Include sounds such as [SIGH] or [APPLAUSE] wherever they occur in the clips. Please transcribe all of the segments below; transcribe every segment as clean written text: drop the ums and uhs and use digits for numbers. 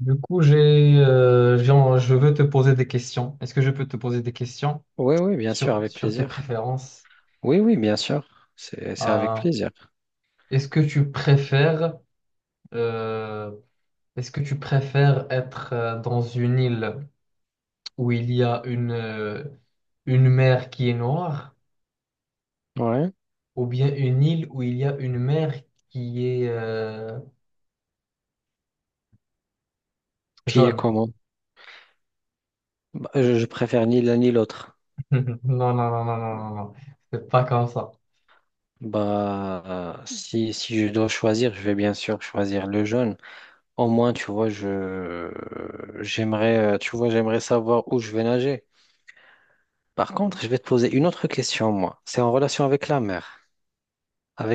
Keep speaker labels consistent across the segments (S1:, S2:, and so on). S1: Du coup, je veux te poser des questions. Est-ce que je peux te poser des questions
S2: Oui, oui, bien sûr,
S1: sur,
S2: avec
S1: sur tes
S2: plaisir.
S1: préférences?
S2: Oui, oui, bien sûr. C'est avec
S1: Euh,
S2: plaisir.
S1: est-ce que tu préfères, euh, est-ce que tu préfères être dans une île où il y a une mer qui est noire,
S2: Ouais.
S1: ou bien une île où il y a une mer qui est
S2: Qui est
S1: jaune?
S2: comment? Bah, je préfère ni l'un ni l'autre.
S1: [LAUGHS] Non, non, non, non, non, non, non. C'est pas comme ça.
S2: Bah, si je dois choisir, je vais bien sûr choisir le jaune. Au moins, tu vois, je, j'aimerais, tu vois, j'aimerais savoir où je vais nager. Par contre, je vais te poser une autre question, moi. C'est en relation avec la mer.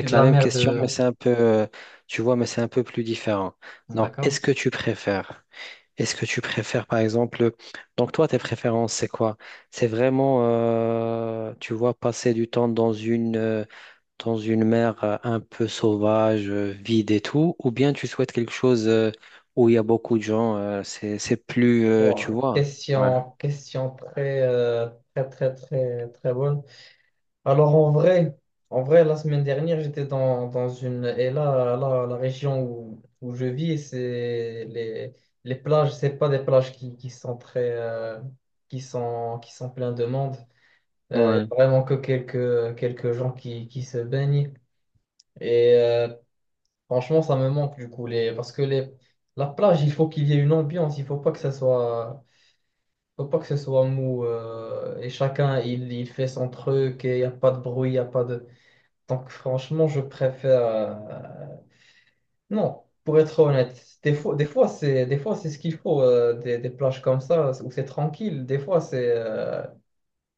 S1: C'est de
S2: la
S1: la
S2: même
S1: mer
S2: question,
S1: de.
S2: mais c'est un peu, tu vois, mais c'est un peu plus différent. Donc,
S1: D'accord?
S2: est-ce que tu préfères. Est-ce que tu préfères, par exemple, donc toi, tes préférences, c'est quoi? C'est vraiment, tu vois, passer du temps dans une mer un peu sauvage, vide et tout, ou bien tu souhaites quelque chose, où il y a beaucoup de gens, c'est plus, tu
S1: Wow,
S2: vois. Ouais.
S1: question, très, très, très, très, très bonne. Alors, en vrai, la semaine dernière, j'étais dans une. Et là, la région où je vis, c'est les, les plages, c'est pas des plages qui sont très. Qui sont pleines de monde. Il y
S2: Ouais,
S1: a vraiment que quelques gens qui se baignent. Et franchement, ça me manque du coup. Parce que la plage, il faut qu'il y ait une ambiance. Il faut pas que ça soit. Faut pas que ce soit mou, et chacun il fait son truc, et il n'y a pas de bruit, il n'y a pas de. Donc, franchement, je préfère. Non, pour être honnête, des fois c'est ce qu'il faut, des plages comme ça où c'est tranquille, des fois c'est euh,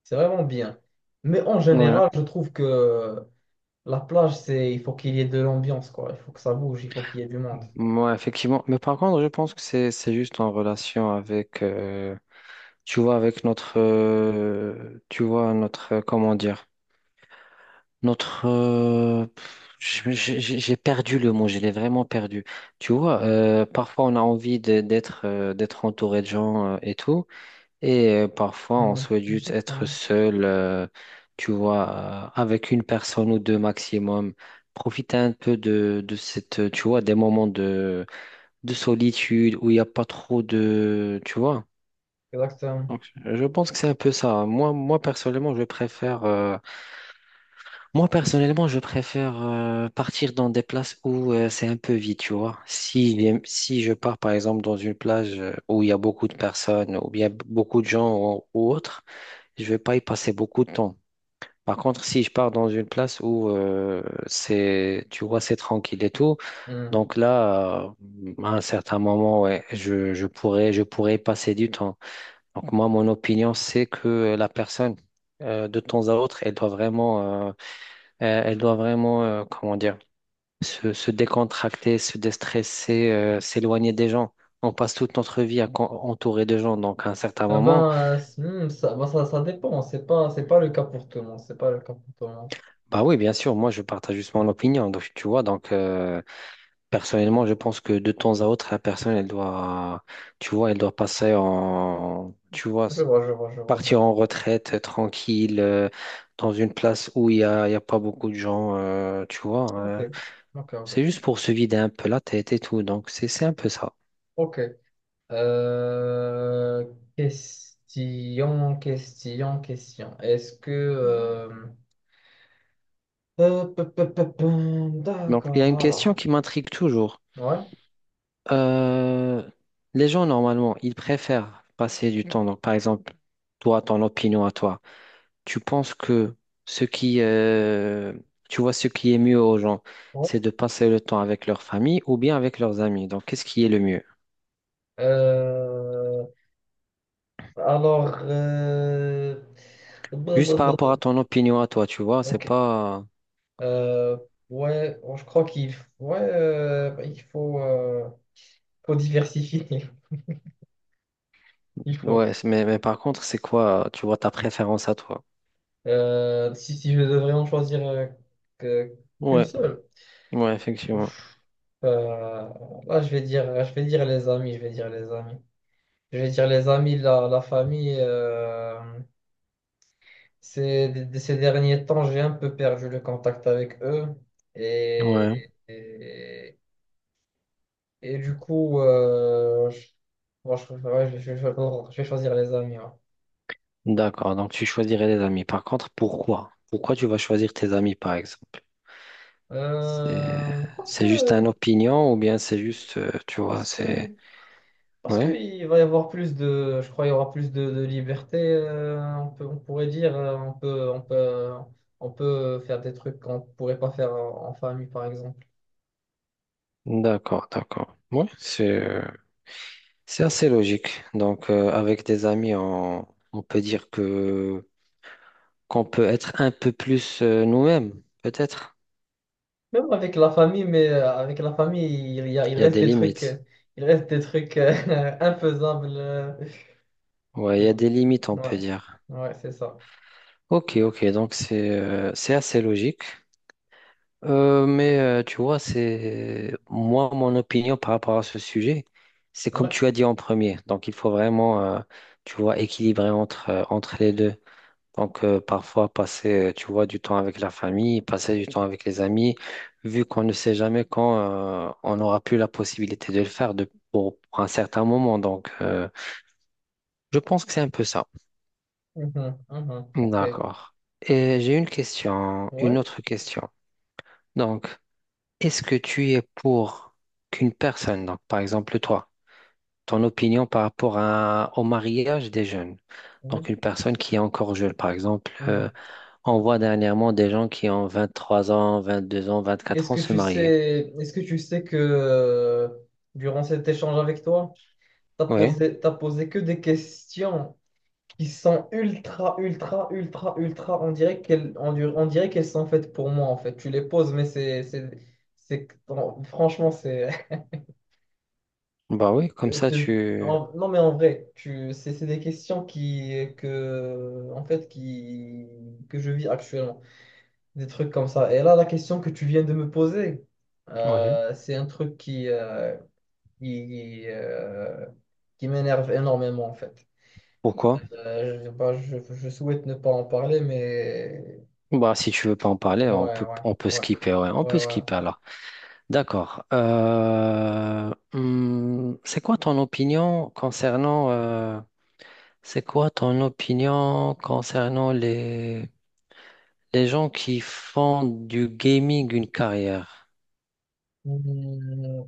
S1: c'est vraiment bien. Mais, en
S2: ouais,
S1: général, je trouve que la plage, c'est il faut qu'il y ait de l'ambiance, quoi. Il faut que ça bouge, il faut qu'il y ait du monde.
S2: ouais, effectivement. Mais par contre, je pense que c'est juste en relation avec, tu vois, avec notre, tu vois, notre, comment dire? Notre, j'ai perdu le mot, je l'ai vraiment perdu. Tu vois, parfois on a envie d'être d'être entouré de gens et tout, et parfois on
S1: Mm.
S2: souhaite juste être
S1: Exactement.
S2: seul, tu vois, avec une personne ou deux maximum. Profiter un peu de cette, tu vois, des moments de solitude où il n'y a pas trop de, tu vois.
S1: Exactement.
S2: Donc, je pense que c'est un peu ça. Moi, personnellement, je préfère. Moi, personnellement, je préfère partir dans des places où c'est un peu vide, tu vois. Si, si je pars, par exemple, dans une plage où il y a beaucoup de personnes, ou bien beaucoup de gens ou autre, je vais pas y passer beaucoup de temps. Par contre, si je pars dans une place où c'est, tu vois, c'est tranquille et tout,
S1: Mm.
S2: donc là, à un certain moment, ouais, je pourrais passer du temps. Donc moi, mon opinion, c'est que la personne, de temps à autre, elle doit vraiment, comment dire, se décontracter, se déstresser, s'éloigner des gens. On passe toute notre vie à entouré de gens, donc à un certain
S1: Ah
S2: moment,
S1: ben, ça, ben, ça dépend. C'est pas le cas pour tout le monde. C'est pas le cas pour tout le monde.
S2: bah oui, bien sûr, moi je partage juste mon opinion, donc tu vois, donc personnellement, je pense que de temps à autre, la personne, elle doit, tu vois, elle doit passer en, tu vois,
S1: Je vois, je vois, je vois, je
S2: partir
S1: vois.
S2: en retraite tranquille, dans une place où il y a pas beaucoup de gens, tu vois,
S1: Ok, ok,
S2: c'est
S1: ok.
S2: juste pour se vider un peu la tête et tout, donc c'est un peu ça.
S1: Ok. Euh, question. Est-ce que,
S2: Donc, il y a
S1: d'accord,
S2: une question
S1: alors.
S2: qui m'intrigue toujours.
S1: Ouais.
S2: Euh, les gens, normalement, ils préfèrent passer du temps. Donc, par exemple, toi, ton opinion à toi, tu penses que ce qui, tu vois, ce qui est mieux aux gens,
S1: Ouais.
S2: c'est de passer le temps avec leur famille ou bien avec leurs amis. Donc, qu'est-ce qui est le mieux?
S1: Euh, alors, brr,
S2: Juste
S1: brr,
S2: par
S1: brr,
S2: rapport à
S1: brr.
S2: ton opinion à toi, tu vois, c'est
S1: Ok.
S2: pas...
S1: Euh, ouais, bon, je crois qu'il, ouais, il faut, faut diversifier, [LAUGHS] il faut.
S2: Ouais, c'est- mais par contre, c'est quoi, tu vois, ta préférence à toi?
S1: Si je devrais en choisir, que- qu'une
S2: Ouais,
S1: seule,
S2: ouais, effectivement.
S1: ouf, euh, là je vais dire les amis, je vais dire les amis, je vais dire les amis, la famille. Ces derniers temps, j'ai un peu perdu le contact avec eux,
S2: Ouais.
S1: et, et, et du coup, bon, ouais, je vais choisir les amis. Ouais.
S2: D'accord, donc tu choisirais des amis. Par contre, pourquoi? Pourquoi tu vas choisir tes amis, par exemple? C'est
S1: Euh, parce que,
S2: c'est juste une opinion ou bien c'est juste, tu vois,
S1: parce
S2: c'est...
S1: que Parce
S2: Ouais,
S1: qu'il va y avoir plus de, je crois, il y aura plus de, liberté, on pourrait dire, on peut faire des trucs qu'on ne pourrait pas faire en famille, par exemple.
S2: d'accord, d'accord. Ouais, c'est assez logique. Donc, avec des amis, on peut dire que qu'on peut être un peu plus nous-mêmes, peut-être.
S1: Même avec la famille, mais avec la famille, il
S2: Il y a
S1: reste
S2: des
S1: des trucs,
S2: limites.
S1: il reste des trucs euh, [LAUGHS] infaisables.
S2: Ouais, il y a des limites, on
S1: Ouais,
S2: peut dire.
S1: ouais, c'est ça.
S2: Ok, ok, donc c'est assez logique. Mais tu vois, c'est moi, mon opinion par rapport à ce sujet, c'est comme
S1: Ouais.
S2: tu as dit en premier. Donc, il faut vraiment, tu vois, équilibrer entre, entre les deux. Donc, parfois, passer, tu vois, du temps avec la famille, passer du temps avec les amis, vu qu'on ne sait jamais quand on n'aura plus la possibilité de le faire de, pour un certain moment. Donc, je pense que c'est un peu ça.
S1: Mhm, mhm. Ok.
S2: D'accord. Et j'ai une question, une
S1: Ouais.
S2: autre question. Donc, est-ce que tu es pour qu'une personne, donc par exemple toi, ton opinion par rapport à- au mariage des jeunes,
S1: Ouais.
S2: donc une personne qui est encore jeune, par exemple,
S1: Mhm.
S2: on voit dernièrement des gens qui ont 23 ans, 22 ans,
S1: Est-ce
S2: 24 ans
S1: que
S2: se
S1: tu
S2: marier.
S1: sais, est-ce que tu sais que, durant cet échange avec toi, T'as
S2: Oui,
S1: posé, t'as posé que des questions qui sont ultra, ultra, ultra, ultra. On dirait qu'elles, on dirait qu'elles sont faites pour moi, en fait. Tu les poses, mais non, franchement, c'est.
S2: bah oui,
S1: [LAUGHS]
S2: comme
S1: je
S2: ça
S1: te-
S2: tu...
S1: non, mais en vrai, c'est des questions en fait, que je vis actuellement. Des trucs comme ça. Et là, la question que tu viens de me poser,
S2: Oui.
S1: c'est un truc qui, euh, qui m'énerve énormément, en fait.
S2: Pourquoi?
S1: Bah, je souhaite ne pas en parler, mais
S2: Bah si tu veux pas en parler,
S1: ouais, ouais,
S2: on peut
S1: ouais,
S2: skipper, ouais, on
S1: ouais,
S2: peut
S1: ouais.
S2: skipper alors. D'accord. C'est quoi ton opinion concernant... c'est quoi ton opinion concernant les gens qui font du gaming une carrière?
S1: Mm.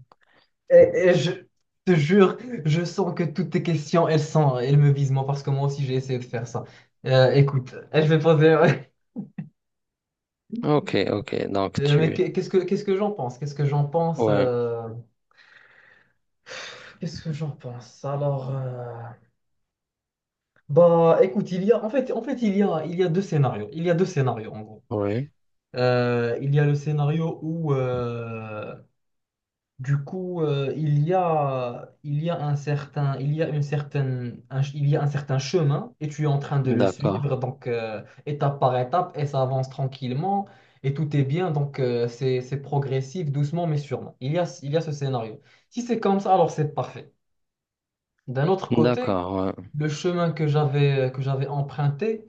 S1: Et, et je te jure, je sens que toutes tes questions, elles sont, elles me visent moi, parce que moi aussi j'ai essayé de faire ça. Écoute, je vais poser. [LAUGHS]
S2: Ok, ok, donc
S1: Mais
S2: tu...
S1: qu'est-ce que j'en pense? Qu'est-ce que j'en pense?
S2: Ouais,
S1: Qu'est-ce que j'en pense? Alors, bah, écoute, il y a en fait, il y a deux scénarios. Il y a deux scénarios en gros.
S2: ouais,
S1: Il y a le scénario où, du coup, il y a une certaine, il y a un certain chemin, et tu es en train de le
S2: d'accord,
S1: suivre, donc étape par étape et ça avance tranquillement et tout est bien, donc c'est progressif, doucement mais sûrement. Il y a ce scénario. Si c'est comme ça, alors c'est parfait. D'un autre côté,
S2: d'accord, ouais,
S1: le chemin que j'avais emprunté,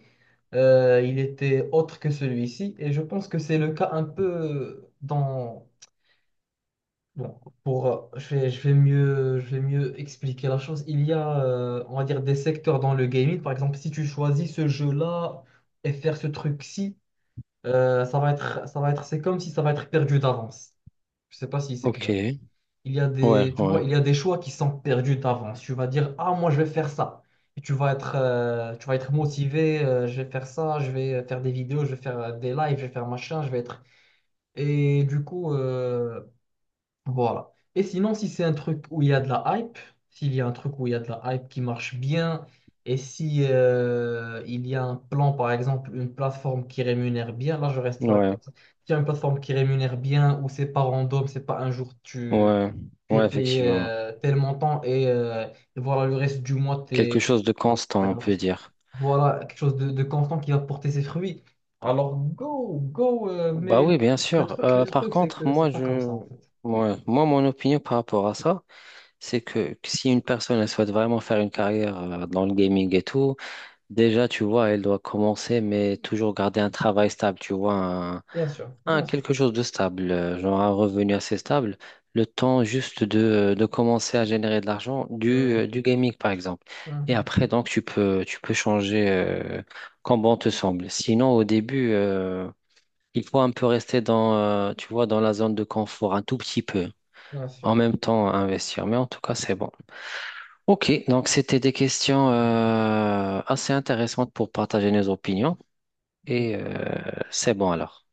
S1: il était autre que celui-ci, et je pense que c'est le cas un peu dans. Bon, je vais mieux expliquer la chose. Il y a, on va dire, des secteurs dans le gaming. Par exemple, si tu choisis ce jeu-là et faire ce truc-ci, c'est comme si ça va être perdu d'avance. Je sais pas si c'est
S2: ok,
S1: clair. Il y a des, tu vois,
S2: ouais,
S1: il y a des choix qui sont perdus d'avance. Tu vas dire, ah, moi, je vais faire ça. Et tu vas être motivé. Je vais faire ça. Je vais faire des vidéos. Je vais faire des lives. Je vais faire machin. Je vais être. Et du coup. Voilà. Et sinon, si c'est un truc où il y a de la hype, s'il y a un truc où il y a de la hype qui marche bien, et si il y a un plan, par exemple, une plateforme qui rémunère bien, là je reste vague
S2: ouais,
S1: comme ça. S'il y a une plateforme qui rémunère bien, où c'est pas random, c'est pas un jour tu,
S2: ouais,
S1: tu es
S2: ouais,
S1: payé,
S2: effectivement.
S1: tel montant, et voilà, le reste du mois
S2: Quelque
S1: t'es, tu
S2: chose de
S1: pas
S2: constant, on peut
S1: gratos.
S2: dire.
S1: Voilà quelque chose de constant qui va porter ses fruits. Alors go, go,
S2: Bah
S1: mais
S2: oui,
S1: le,
S2: bien
S1: le
S2: sûr.
S1: truc, le
S2: Par
S1: truc, c'est
S2: contre,
S1: que
S2: moi,
S1: c'est pas comme
S2: je...
S1: ça en fait.
S2: ouais, moi, mon opinion par rapport à ça, c'est que si une personne elle souhaite vraiment faire une carrière dans le gaming et tout, déjà, tu vois, elle doit commencer, mais toujours garder un travail stable, tu vois,
S1: Bien sûr,
S2: un
S1: bien sûr.
S2: quelque chose de stable, genre un revenu assez stable, le temps juste de commencer à générer de l'argent
S1: Mhm,
S2: du gaming, par exemple. Et
S1: mhm.
S2: après, donc, tu peux changer quand bon te semble. Sinon, au début, il faut un peu rester dans, tu vois, dans la zone de confort, un tout petit peu,
S1: Bien
S2: en
S1: sûr.
S2: même temps investir. Mais en tout cas, c'est bon. Ok, donc c'était des questions assez intéressantes pour partager nos opinions.
S1: Oui,
S2: Et
S1: on a
S2: c'est bon alors.